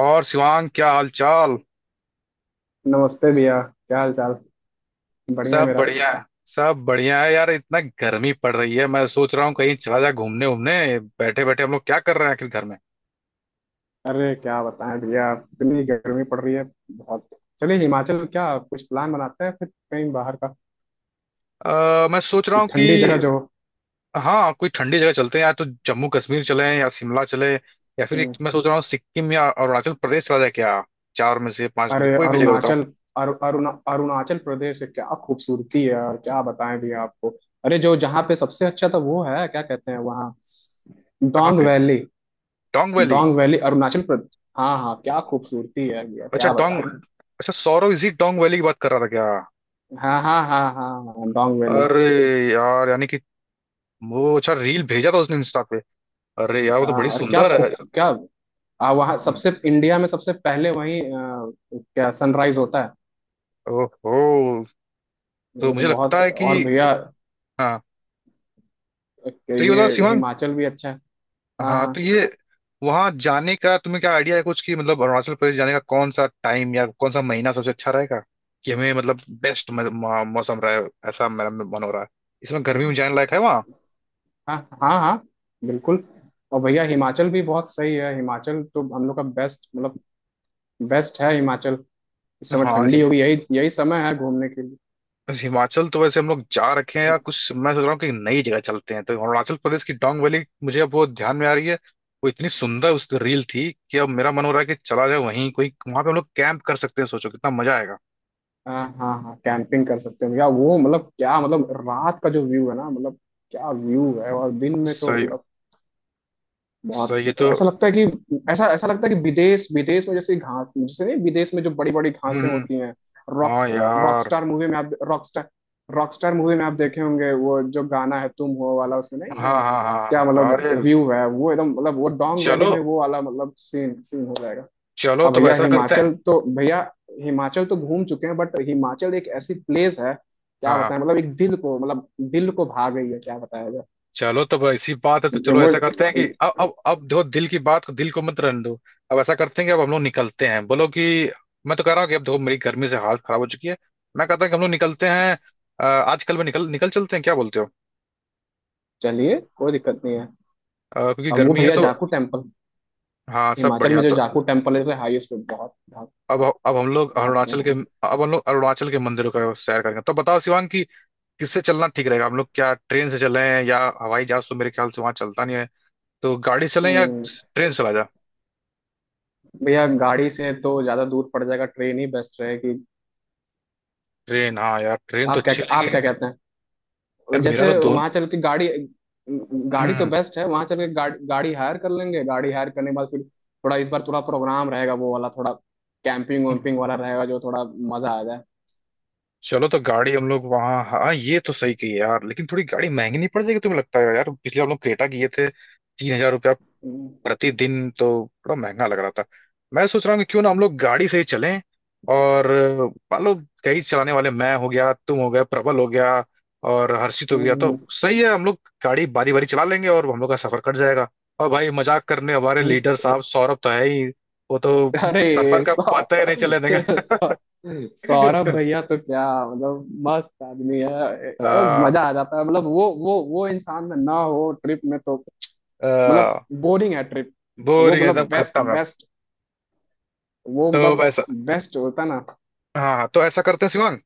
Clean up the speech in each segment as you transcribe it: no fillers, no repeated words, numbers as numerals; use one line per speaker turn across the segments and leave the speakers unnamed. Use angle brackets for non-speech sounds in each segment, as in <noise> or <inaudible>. और शिवांग क्या हाल चाल।
नमस्ते भैया, क्या हाल चाल। बढ़िया
सब
मेरा।
बढ़िया है। सब बढ़िया है यार, इतना गर्मी पड़ रही है, मैं सोच रहा हूँ कहीं चला जा घूमने उमने। बैठे बैठे हम लोग क्या कर रहे हैं आखिर घर में।
अरे क्या बताएं भैया, इतनी गर्मी पड़ रही है। बहुत। चलिए हिमाचल क्या कुछ प्लान बनाते हैं फिर कहीं बाहर का।
मैं सोच रहा
कोई
हूँ कि
ठंडी जगह जो हो।
हाँ, कोई ठंडी जगह चलते हैं, या तो जम्मू कश्मीर चले या शिमला चले, या फिर
हम्म,
एक मैं सोच रहा हूँ सिक्किम या अरुणाचल प्रदेश चला जाए क्या। चार में से पांच में से
अरे
कोई भी जगह बताओ।
अरुणाचल। अरुणाचल प्रदेश है, क्या खूबसूरती है, और क्या बताएं भैया आपको। अरे जो जहाँ पे सबसे अच्छा था वो है, क्या कहते हैं वहाँ।
कहाँ
डोंग
पे।
Valley.
Dong valley.
Dong valley, Arunachal Pradesh. हाँ हाँ, क्या खूबसूरती है भैया,
अच्छा
क्या
डोंग।
बताएं।
अच्छा सौरव इसी डोंग वैली की बात कर रहा था क्या।
हाँ हाँ हाँ हाँ हाँ, डोंग वैली।
अरे यार, यानी कि वो अच्छा रील भेजा था उसने इंस्टा। अरे यार, वो तो बड़ी
हाँ अरे क्या
सुंदर है।
खूब क्या। वहाँ सबसे, इंडिया में सबसे पहले वहीं क्या सनराइज होता है।
ओहो। तो
वो तो
मुझे लगता
बहुत,
है कि
और भैया
हाँ। तो ये बताओ
ये
शिवांग।
हिमाचल भी अच्छा है।
हाँ
हाँ
तो ये वहाँ जाने का तुम्हें क्या आइडिया है कुछ, कि मतलब अरुणाचल प्रदेश जाने का कौन सा टाइम या कौन सा महीना सबसे अच्छा रहेगा, कि हमें मतलब बेस्ट मौसम रहे। ऐसा मेरा मन हो रहा है। इसमें गर्मी में
हाँ
जाने लायक है वहाँ।
हाँ हाँ हाँ, बिल्कुल। और भैया हिमाचल भी बहुत सही है। हिमाचल तो हम लोग का बेस्ट, मतलब बेस्ट है हिमाचल। इस समय
हाँ।
ठंडी होगी, यही यही समय है घूमने के लिए।
बस हिमाचल तो वैसे हम लोग जा रखे हैं या कुछ, मैं सोच रहा हूँ कि नई जगह चलते हैं, तो अरुणाचल प्रदेश की डोंग वैली मुझे अब वो ध्यान में आ रही है। वो इतनी सुंदर उस रील थी कि अब मेरा मन हो रहा है कि चला जाए वहीं। कोई वहां पे हम लोग कैंप कर सकते हैं, सोचो कितना मजा आएगा।
हाँ हाँ हाँ, कैंपिंग कर सकते हैं भैया, वो मतलब, क्या मतलब रात का जो व्यू है ना, मतलब क्या व्यू है। और दिन में तो
सही
मतलब बहुत।
सही है तो।
ऐसा लगता है कि, ऐसा ऐसा लगता है कि विदेश, विदेश में जैसे घास जैसे नहीं, विदेश में जो बड़ी बड़ी घासें
हम्म।
होती हैं। रॉक,
हाँ यार।
रॉकस्टार मूवी में आप, रॉकस्टार, रॉकस्टार मूवी में आप देखे होंगे वो जो गाना है तुम हो वाला, उसमें नहीं
हाँ
है।
हाँ हाँ
क्या
हाँ। अरे
मतलब व्यू है, वो एकदम मतलब वो डोंग
चलो।
वैली में वो वाला मतलब सीन, सीन हो जाएगा।
चलो
अब
तो
भैया
ऐसा करते हैं।
हिमाचल तो भैया, हिमाचल तो घूम चुके हैं, बट हिमाचल एक ऐसी प्लेस है, क्या
हाँ हाँ।
बताएं मतलब एक दिल को, मतलब दिल को भा गई है, क्या बताया
चलो तो अब ऐसी बात है तो
जाए
चलो
वो।
ऐसा करते हैं कि अब देखो, दिल की बात को दिल को मत रहने दो। अब ऐसा करते हैं कि अब हम लोग निकलते हैं। बोलो कि, मैं तो कह रहा हूँ कि अब देखो, मेरी गर्मी से हालत खराब हो चुकी है। मैं कहता हूँ कि हम लोग निकलते हैं। आजकल में निकल निकल चलते हैं, क्या बोलते हो।
चलिए, कोई दिक्कत नहीं है।
क्योंकि
अब वो
गर्मी है
भैया
तो।
जाकू टेम्पल,
हाँ, सब
हिमाचल
बढ़िया
में जो
तो।
जाकू टेम्पल है तो हाईएस्ट पे, बहुत बहुत
अब अब हम लोग
बहुत
अरुणाचल के
बेस्ट है।
अब हम लोग अरुणाचल के मंदिरों का सैर करेंगे। तो बताओ शिवांग कि किससे चलना ठीक रहेगा। हम लोग क्या ट्रेन से चलें, या हवाई जहाज तो मेरे ख्याल से वहां चलता नहीं है, तो गाड़ी से चलें या
हम्म,
ट्रेन से चला जा।
भैया गाड़ी से तो ज्यादा दूर पड़ जाएगा, ट्रेन ही बेस्ट रहेगी।
ट्रेन। हाँ यार, ट्रेन तो
आप क्या,
अच्छी लगी।
आप क्या कहते हैं
यार मेरा तो
जैसे
दोन
वहां चल के गाड़ी। गाड़ी तो
हम्म।
बेस्ट है, वहां चल के गाड़ी, गाड़ी हायर कर लेंगे, गाड़ी हायर करने के बाद फिर थोड़ा, इस बार थोड़ा प्रोग्राम रहेगा वो वाला, थोड़ा कैंपिंग वैम्पिंग वाला रहेगा, जो थोड़ा मजा आ जाए।
चलो तो गाड़ी हम लोग वहाँ। हाँ, ये तो सही कही यार, लेकिन थोड़ी गाड़ी महंगी नहीं पड़ जाएगी, तुम्हें लगता है यार, पिछले हम लोग क्रेटा किए थे, 3,000 रुपया
हम्म
प्रतिदिन, तो थोड़ा महंगा लग रहा था। मैं सोच रहा हूँ कि क्यों ना हम लोग गाड़ी से ही चलें। और मान लो कई चलाने वाले, मैं हो गया, तुम हो गया, प्रबल हो गया और हर्षित हो गया, तो
हम्म
सही है, हम लोग गाड़ी बारी बारी चला लेंगे और हम लोग का सफर कट जाएगा। और भाई मजाक करने हमारे
हम्म,
लीडर साहब सौरभ तो है ही। वो तो सफर
अरे
का
सौ
पता ही नहीं चले।
सौ- सौरभ
<laughs>
भैया तो क्या मतलब मस्त आदमी है, मतलब
आ,
मजा आ जाता है, मतलब वो इंसान में ना हो ट्रिप में तो मतलब बोरिंग है ट्रिप। वो
बोरिंग एकदम
मतलब बेस्ट
खत्म है।
बेस्ट, वो
तो
मतलब
ऐसा।
बेस्ट होता है ना।
हाँ हाँ, तो ऐसा करते हैं शिवांग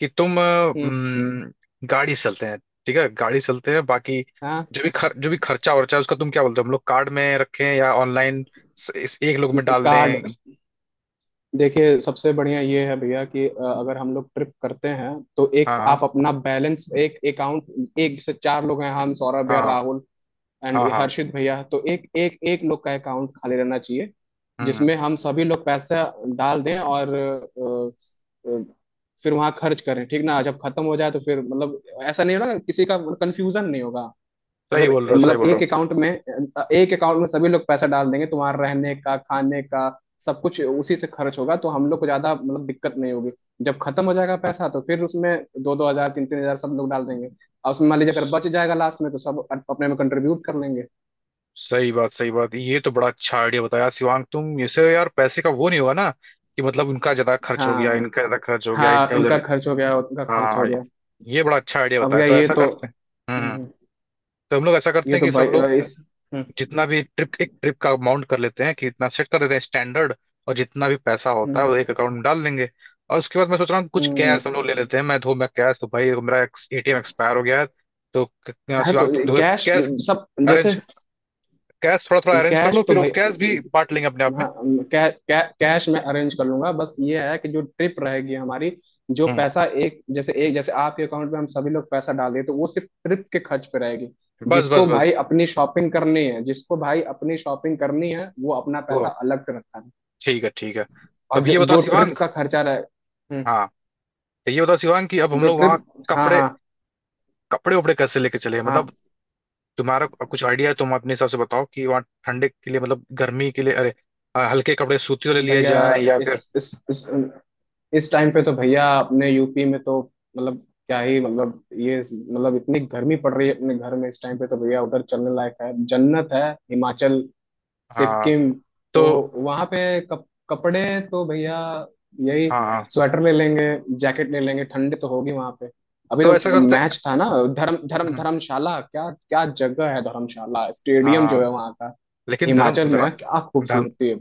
कि तुम
हम्म।
हम्म, गाड़ी से चलते हैं। ठीक है, गाड़ी से चलते हैं। बाकी
हाँ,
जो भी खर्चा वर्चा है उसका तुम क्या बोलते हो, हम लोग कार्ड में रखें या ऑनलाइन इस एक लोग में डाल
कार्ड।
दें।
देखिए सबसे बढ़िया ये है भैया कि अगर हम लोग ट्रिप करते हैं तो एक
हाँ
आप अपना बैलेंस, एक अकाउंट, एक से चार लोग हैं हम, सौरभ
हाँ
भैया,
हाँ
राहुल
हाँ
एंड
हाँ हाँ,
हर्षित भैया, तो एक एक एक लोग का अकाउंट खाली रहना चाहिए,
हम्म।
जिसमें हम सभी लोग पैसा डाल दें, और फिर वहां खर्च करें, ठीक ना। जब खत्म हो जाए तो फिर मतलब ऐसा नहीं होगा ना, किसी का कंफ्यूजन नहीं होगा।
सही
अगर
बोल रहे हो, सही
मतलब
बोल रहे
एक
हो।
अकाउंट में, एक अकाउंट में सभी लोग पैसा डाल देंगे तो वहां रहने का, खाने का सब कुछ उसी से खर्च होगा तो हम लोग को ज्यादा मतलब दिक्कत नहीं होगी। जब खत्म हो जाएगा पैसा तो फिर उसमें दो दो हजार, तीन तीन हजार सब लोग डाल देंगे। और उसमें मान लीजिए अगर बच जाएगा लास्ट में तो सब अपने में कंट्रीब्यूट कर लेंगे।
सही बात, सही बात। ये तो बड़ा अच्छा आइडिया बताया शिवांग तुम, इससे यार पैसे का वो नहीं होगा ना, कि मतलब उनका ज्यादा खर्च हो गया,
हाँ
इनका ज्यादा खर्च हो गया,
हाँ,
इधर
इनका
उधर।
खर्च हो गया, उनका खर्च
हाँ।
हो
ये
गया।
ये बड़ा अच्छा आइडिया
अब
बताया,
क्या
तो
ये
ऐसा
तो,
करते हैं। हम्म।
हम्म,
तो हम लोग ऐसा करते
ये
हैं
तो
कि
भाई
सब लोग
इस। हम्म
जितना भी ट्रिप, एक ट्रिप का अमाउंट कर लेते हैं कि इतना सेट कर देते हैं स्टैंडर्ड, और जितना भी पैसा होता है
हम्म
वो एक अकाउंट में डाल देंगे। और उसके बाद मैं सोच रहा हूँ कुछ
हम्म,
कैश हम लोग ले लेते हैं। मैं कैश, तो भाई मेरा एटीएम एक्सपायर हो गया है। तो
हाँ तो
शिवांग, तुम धो
कैश,
कैश
सब जैसे,
अरेंज, कैश थोड़ा थोड़ा अरेंज कर लो,
कैश तो
फिर वो कैश भी
भाई,
बांट लेंगे अपने आप में।
हाँ कै, कै, कैश मैं अरेंज कर लूंगा। बस ये है कि जो ट्रिप रहेगी हमारी, जो
हम्म।
पैसा एक जैसे, एक जैसे आपके अकाउंट में हम सभी लोग पैसा डाल दें तो वो सिर्फ ट्रिप के खर्च पे रहेगी।
बस बस
जिसको भाई
बस।
अपनी शॉपिंग करनी है, जिसको भाई अपनी शॉपिंग करनी है वो अपना
ओ,
पैसा अलग से रखता है।
ठीक है ठीक है।
और
तब
जो
ये बताओ
जो ट्रिप
शिवांग।
का खर्चा रहे।
हाँ, तो ये बताओ शिवांग कि अब हम
जो
लोग वहाँ
ट्रिप। हाँ
कपड़े,
हाँ
कपड़े उपड़े कैसे लेके चले,
हाँ
मतलब तुम्हारा कुछ आइडिया है, तुम अपने हिसाब से बताओ कि वहाँ ठंडे के लिए मतलब गर्मी के लिए, अरे हल्के कपड़े सूती वाले लिए
भैया,
जाए या
इस
फिर।
इस इस इस टाइम पे तो भैया अपने यूपी में तो, मतलब क्या ही मतलब, ये मतलब इतनी गर्मी पड़ रही है अपने घर में इस टाइम पे, तो भैया उधर चलने लायक है, जन्नत है हिमाचल
हाँ
सिक्किम। तो
तो।
वहाँ पे कपड़े तो भैया यही,
हाँ हाँ।
स्वेटर ले लेंगे, जैकेट ले लेंगे, ठंड तो होगी वहाँ पे। अभी
तो
तो
ऐसा करते।
मैच था ना, धर्म धर्म
हम्म,
धर्मशाला, क्या क्या जगह है, धर्मशाला स्टेडियम
हाँ।
जो है वहाँ का।
लेकिन धर्म
हिमाचल में
धर्म
क्या
धर्म
खूबसूरती है।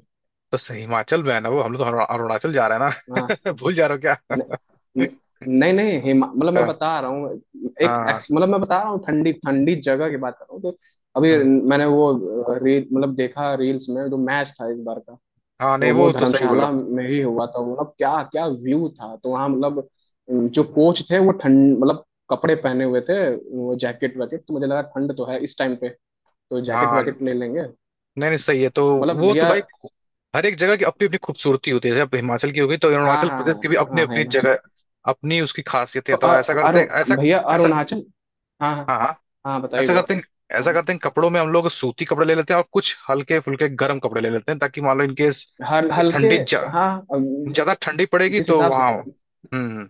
तो सही हिमाचल में है ना। वो हम लोग तो अरुणाचल जा रहे हैं
हाँ,
ना। <laughs> भूल जा रहे हो
न,
क्या।
न, नहीं नहीं, हिमा मतलब
<laughs>
मैं
हाँ
बता रहा हूँ, एक
हाँ हाँ।
एक्स मतलब मैं बता रहा हूँ ठंडी ठंडी जगह की बात कर रहा हूँ। तो अभी
हम्म,
मैंने वो रील, मतलब देखा रील्स में, जो मैच था इस बार का,
हाँ, नहीं
तो वो
वो तो सही बोला।
धर्मशाला में ही हुआ था, मतलब क्या क्या व्यू था। तो वहाँ मतलब जो कोच थे वो ठंड, मतलब कपड़े पहने हुए थे, वो जैकेट वैकेट, तो मुझे लगा ठंड तो है इस टाइम पे, तो जैकेट
हाँ,
वैकेट ले लेंगे।
नहीं नहीं सही है तो।
मतलब
वो तो
भैया,
भाई हर एक जगह की अपनी अपनी खूबसूरती होती है। जैसे अब हिमाचल की होगी, तो
हाँ
अरुणाचल
हाँ
प्रदेश की भी अपनी
हाँ हाँ,
अपनी
हिमाचल
जगह, अपनी उसकी खासियतें
तो
हैं। तो ऐसा करते हैं ऐसा
भैया
ऐसा।
अरुणाचल। हाँ हाँ
हाँ हाँ।
हाँ, बताइए
ऐसा
भैया।
करते हैं। ऐसा
हाँ,
करते हैं कपड़ों में हम लोग सूती कपड़े ले लेते हैं और कुछ हल्के फुल्के गर्म कपड़े ले लेते हैं, ताकि मान लो इनकेस
हल
अगर
हल्के। हाँ, अब जिस,
ज्यादा ठंडी पड़ेगी
जिस
तो
हिसाब
वहाँ।
से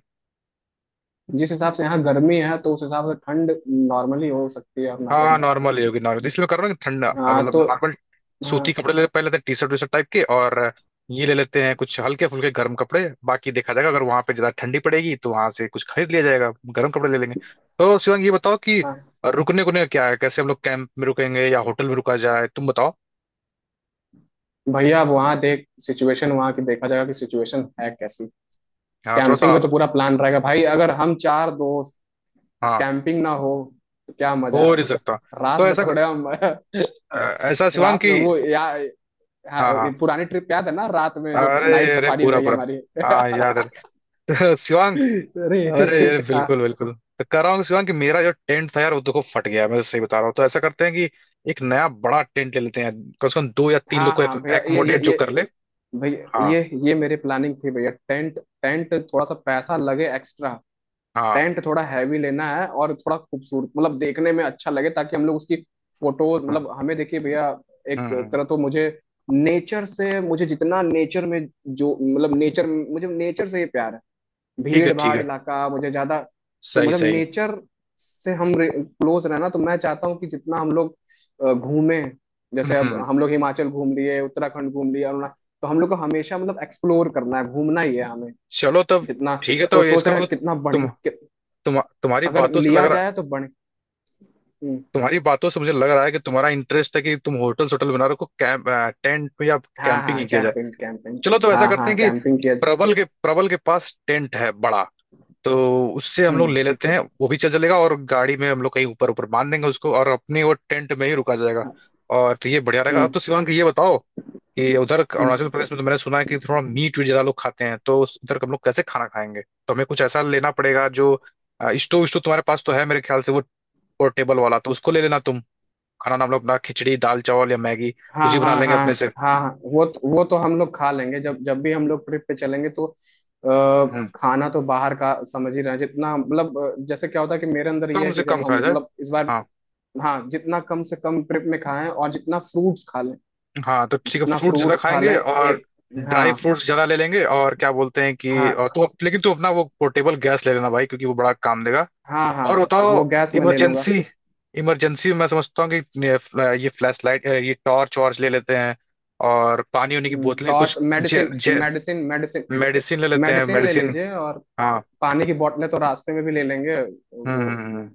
जिस हिसाब से यहाँ गर्मी है तो उस हिसाब से ठंड नॉर्मली हो सकती है अरुणाचल
हाँ,
में।
नॉर्मल ही होगी नॉर्मल, इसलिए मैं कर रहा हूँ कि ठंडा
हाँ
मतलब
तो,
नॉर्मल
हाँ
सूती कपड़े ले पहले लेते हैं, T shirt V shirt type के, और ये ले लेते हैं कुछ हल्के फुल्के गर्म कपड़े, बाकी देखा जाएगा, अगर वहां पे ज्यादा ठंडी पड़ेगी तो वहां से कुछ खरीद लिया जाएगा, गर्म कपड़े ले लेंगे। तो शिवांग ये बताओ कि
हाँ
रुकने को क्या है, कैसे हम लोग कैंप में रुकेंगे या होटल में रुका जाए, तुम बताओ।
भैया, अब वहाँ देख, सिचुएशन वहाँ की देखा जाएगा कि सिचुएशन है कैसी।
हाँ थोड़ा
कैंपिंग
सा।
का तो पूरा प्लान रहेगा भाई, अगर हम चार दोस्त
हाँ,
कैंपिंग ना हो तो क्या मजा।
हो नहीं सकता।
रात
तो
में
ऐसा।
थोड़ा हम <laughs>
अ, ऐसा शिवांग
रात
की।
में वो या।
हाँ
हाँ, ये
हाँ।
पुरानी ट्रिप याद है ना, रात में जो
अरे
नाइट
अरे,
सफारी
पूरा
रही
पूरा
हमारी <laughs>
हाँ याद है। <laughs> शिवांग,
अरे,
अरे ये
हाँ
बिल्कुल बिल्कुल। तो कह रहा हूँ शिवांग कि मेरा जो टेंट था यार वो देखो फट गया है, मैं तो सही बता रहा हूँ। तो ऐसा करते हैं कि एक नया बड़ा टेंट ले लेते हैं, कम से कम दो या तीन लोग
हाँ
को
हाँ भैया,
एकोमोडेट जो
ये
कर ले।
भैया,
हाँ
ये मेरे प्लानिंग थी भैया, टेंट, टेंट थोड़ा सा पैसा लगे एक्स्ट्रा,
हाँ।
टेंट थोड़ा हैवी लेना है, और थोड़ा खूबसूरत मतलब देखने में अच्छा लगे, ताकि हम लोग उसकी फोटोज
हम्म
मतलब, हमें देखिए भैया, एक
हम्म हम्म,
तरह तो मुझे नेचर से, मुझे जितना नेचर में जो मतलब नेचर, मुझे नेचर से ही प्यार है।
ठीक है
भीड़
ठीक
भाड़
है।
इलाका मुझे ज्यादा, तो
सही
मतलब
सही।
नेचर से हम क्लोज रहना, तो मैं चाहता हूँ कि जितना हम लोग घूमें,
हम्म
जैसे अब
हम्म।
हम लोग हिमाचल घूम लिए, उत्तराखंड घूम लिए, अरुणा, तो हम लोग को हमेशा मतलब एक्सप्लोर करना है, घूमना ही है हमें
चलो, तब
जितना।
ठीक है,
तो
तो ये
सोच
इसका
रहे हैं
मतलब,
कितना बढ़िया
तुम
कि,
तुम तुम्हारी
अगर
बातों से लग
लिया
रहा,
जाए तो बढ़। हम्म,
तुम्हारी बातों से मुझे लग रहा है कि तुम्हारा इंटरेस्ट है कि तुम होटल, होटल बना रखो, कैंप टेंट में, या
हाँ
कैंपिंग
हाँ
ही किया जाए।
कैंपिंग कैंपिंग,
चलो तो ऐसा
हाँ
करते
हाँ
हैं कि
कैंपिंग किया जा-।
प्रबल के पास टेंट है बड़ा, तो उससे हम लोग
हम्म।
ले लेते हैं, वो भी चल चलेगा, और गाड़ी में हम लोग कहीं ऊपर ऊपर बांध देंगे उसको, और अपने वो टेंट में ही रुका जाएगा।
हाँ,
और तो ये बढ़िया रहेगा। अब
हम्म
तो शिवांग ये बताओ कि उधर
हम्म।
अरुणाचल प्रदेश में तो मैंने सुना है कि थोड़ा मीट वीट ज्यादा लोग खाते हैं, तो उधर हम लोग कैसे खाना खाएंगे, तो हमें कुछ ऐसा लेना पड़ेगा जो स्टोव, स्टोव तुम्हारे पास तो है मेरे ख्याल से, वो पोर्टेबल वाला, तो उसको ले लेना तुम। खाना ना हम लोग अपना खिचड़ी दाल चावल या मैगी कुछ
हाँ
ही बना
हाँ
लेंगे
हाँ
अपने से।
हाँ, हाँ वो तो, वो तो हम लोग खा लेंगे, जब जब भी हम लोग ट्रिप पे चलेंगे तो। आ,
हम्म।
खाना तो बाहर का समझ ही रहे हैं, जितना मतलब जैसे क्या होता है कि मेरे अंदर ये
कम
है
से
कि जब
कम
हम
खाया
मतलब इस बार।
जाए।
हाँ, जितना कम से कम ट्रिप में खाएं, और जितना फ्रूट्स खा लें,
हाँ तो ठीक है,
जितना
फ्रूट ज्यादा
फ्रूट्स खा
खाएंगे
लें
और
एक।
ड्राई
हाँ
फ्रूट्स ज्यादा ले लेंगे, और क्या बोलते हैं कि,
हाँ
और तो लेकिन तू अपना वो पोर्टेबल गैस ले लेना भाई, क्योंकि वो बड़ा काम देगा।
हाँ हाँ,
और बताओ
वो गैस में ले लूंगा।
इमरजेंसी, इमरजेंसी मैं समझता हूँ कि ये फ्लैश लाइट, ये टॉर्च वॉर्च ले लेते हैं, और पानी उनी की बोतलें
टॉर्च,
कुछ जे,
मेडिसिन,
जे,
मेडिसिन, मेडिसिन
मेडिसिन ले लेते हैं,
मेडिसिन ले
मेडिसिन।
लीजिए, और
हाँ।
पानी की बोतलें तो रास्ते में भी ले लेंगे
हम्म
वो
हम्म, हम्म।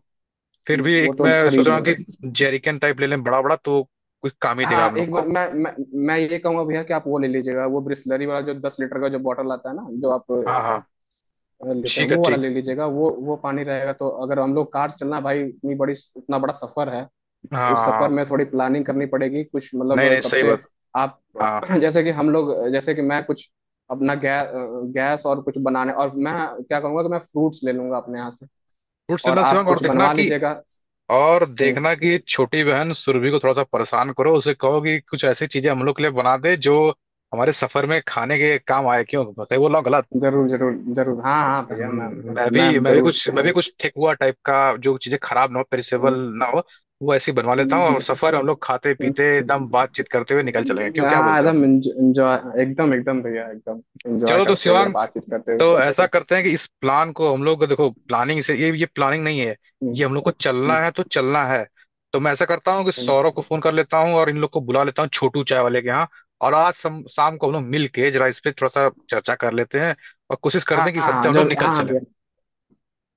फिर भी
वो
एक
तो
मैं सोच
खरीद
रहा हूँ कि
लेंगे।
जेरिकन टाइप ले लें बड़ा बड़ा, तो कुछ काम ही देगा
हाँ
हम लोग
एक
को।
बार, मैं ये कहूंगा भैया कि आप वो ले लीजिएगा, वो ब्रिसलरी वाला जो 10 लीटर का जो बॉटल आता है ना, जो आप
हाँ हाँ।
लेते हैं
ठीक है
वो वाला
ठीक।
ले लीजिएगा, वो पानी रहेगा तो, अगर हम लोग कार से चलना भाई, इतनी बड़ी, इतना बड़ा सफर है, उस सफर
हाँ,
में थोड़ी प्लानिंग करनी पड़ेगी, कुछ मतलब
नहीं नहीं सही
सबसे
बात।
आप
हाँ,
<clears throat> जैसे कि हम लोग, जैसे कि मैं कुछ अपना गैस और कुछ बनाने, और मैं क्या करूंगा कि मैं फ्रूट्स ले लूंगा अपने यहाँ से,
फूड
और
सिग्नल
आप
शिवांग।
कुछ बनवा लीजिएगा।
और
हम्म,
देखना कि छोटी बहन सुरभि को थोड़ा सा परेशान करो, उसे कहो कि कुछ ऐसी चीजें हम लोग के लिए बना दे जो हमारे सफर में खाने के काम आए। क्यों बताइए, बोल रहा हूँ गलत।
जरूर जरूर जरूर, हाँ हाँ भैया,
मैं
मैं
भी मैं भी
जरूर
कुछ मैं भी
आऊँ।
कुछ ठेकुआ टाइप का, जो चीजें खराब ना हो, पेरिसेबल ना हो, वो ऐसी बनवा लेता हूँ,
हम्म,
और सफर हम लोग खाते
हम्म।
पीते एकदम बातचीत करते हुए निकल चलेंगे, क्यों क्या
हाँ
बोलते हो।
एकदम एंजॉय, एकदम एकदम भैया, एकदम एंजॉय
चलो तो
करते हुए
शिवांक,
बातचीत करते
तो
हुए।
ऐसा करते हैं कि इस प्लान को हम लोग देखो प्लानिंग से, ये प्लानिंग नहीं है,
हम्म,
ये हम लोग को
हम्म,
चलना है तो चलना है। तो मैं ऐसा करता हूँ कि
हम्म।
सौरभ को फोन कर लेता हूँ और इन लोग को बुला लेता हूँ छोटू चाय वाले के यहाँ, और आज शाम को हम लोग मिल के जरा इस पे थोड़ा सा चर्चा कर लेते हैं, और कोशिश करते हैं
हाँ
कि इस
हाँ
हफ्ते
हाँ,
हम लोग
जरूर
निकल
हाँ हाँ
चले।
भैया।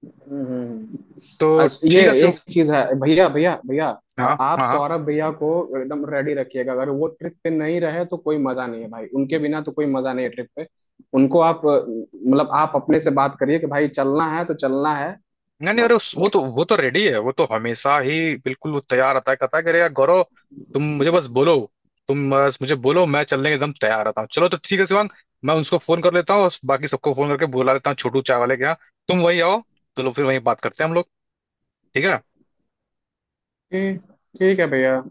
हम्म, हम्म।
तो
अस ये
ठीक है शिव।
एक चीज है भैया भैया भैया,
हाँ
आप
हाँ हाँ।
सौरभ भैया को एकदम रेडी रखिएगा, अगर वो ट्रिप पे नहीं रहे तो कोई मजा नहीं है भाई, उनके बिना तो कोई मजा नहीं है ट्रिप पे। उनको आप मतलब आप अपने से बात करिए कि भाई चलना है तो चलना है
नहीं नहीं, अरे
बस।
वो तो, वो तो रेडी है, वो तो हमेशा ही बिल्कुल वो तैयार रहता है, कहता है कि अरे यार गौरव, तुम मुझे बस बोलो, तुम बस मुझे बोलो, मैं चलने के एकदम तैयार रहता हूँ। चलो तो ठीक है शिवांग, मैं उसको फोन कर लेता हूँ और बाकी सबको फोन करके बुला लेता हूँ छोटू चाय वाले के यहाँ, तुम वहीं आओ। चलो फिर वहीं बात करते हैं हम लोग, ठीक है।
ठीक, ठीक है भैया।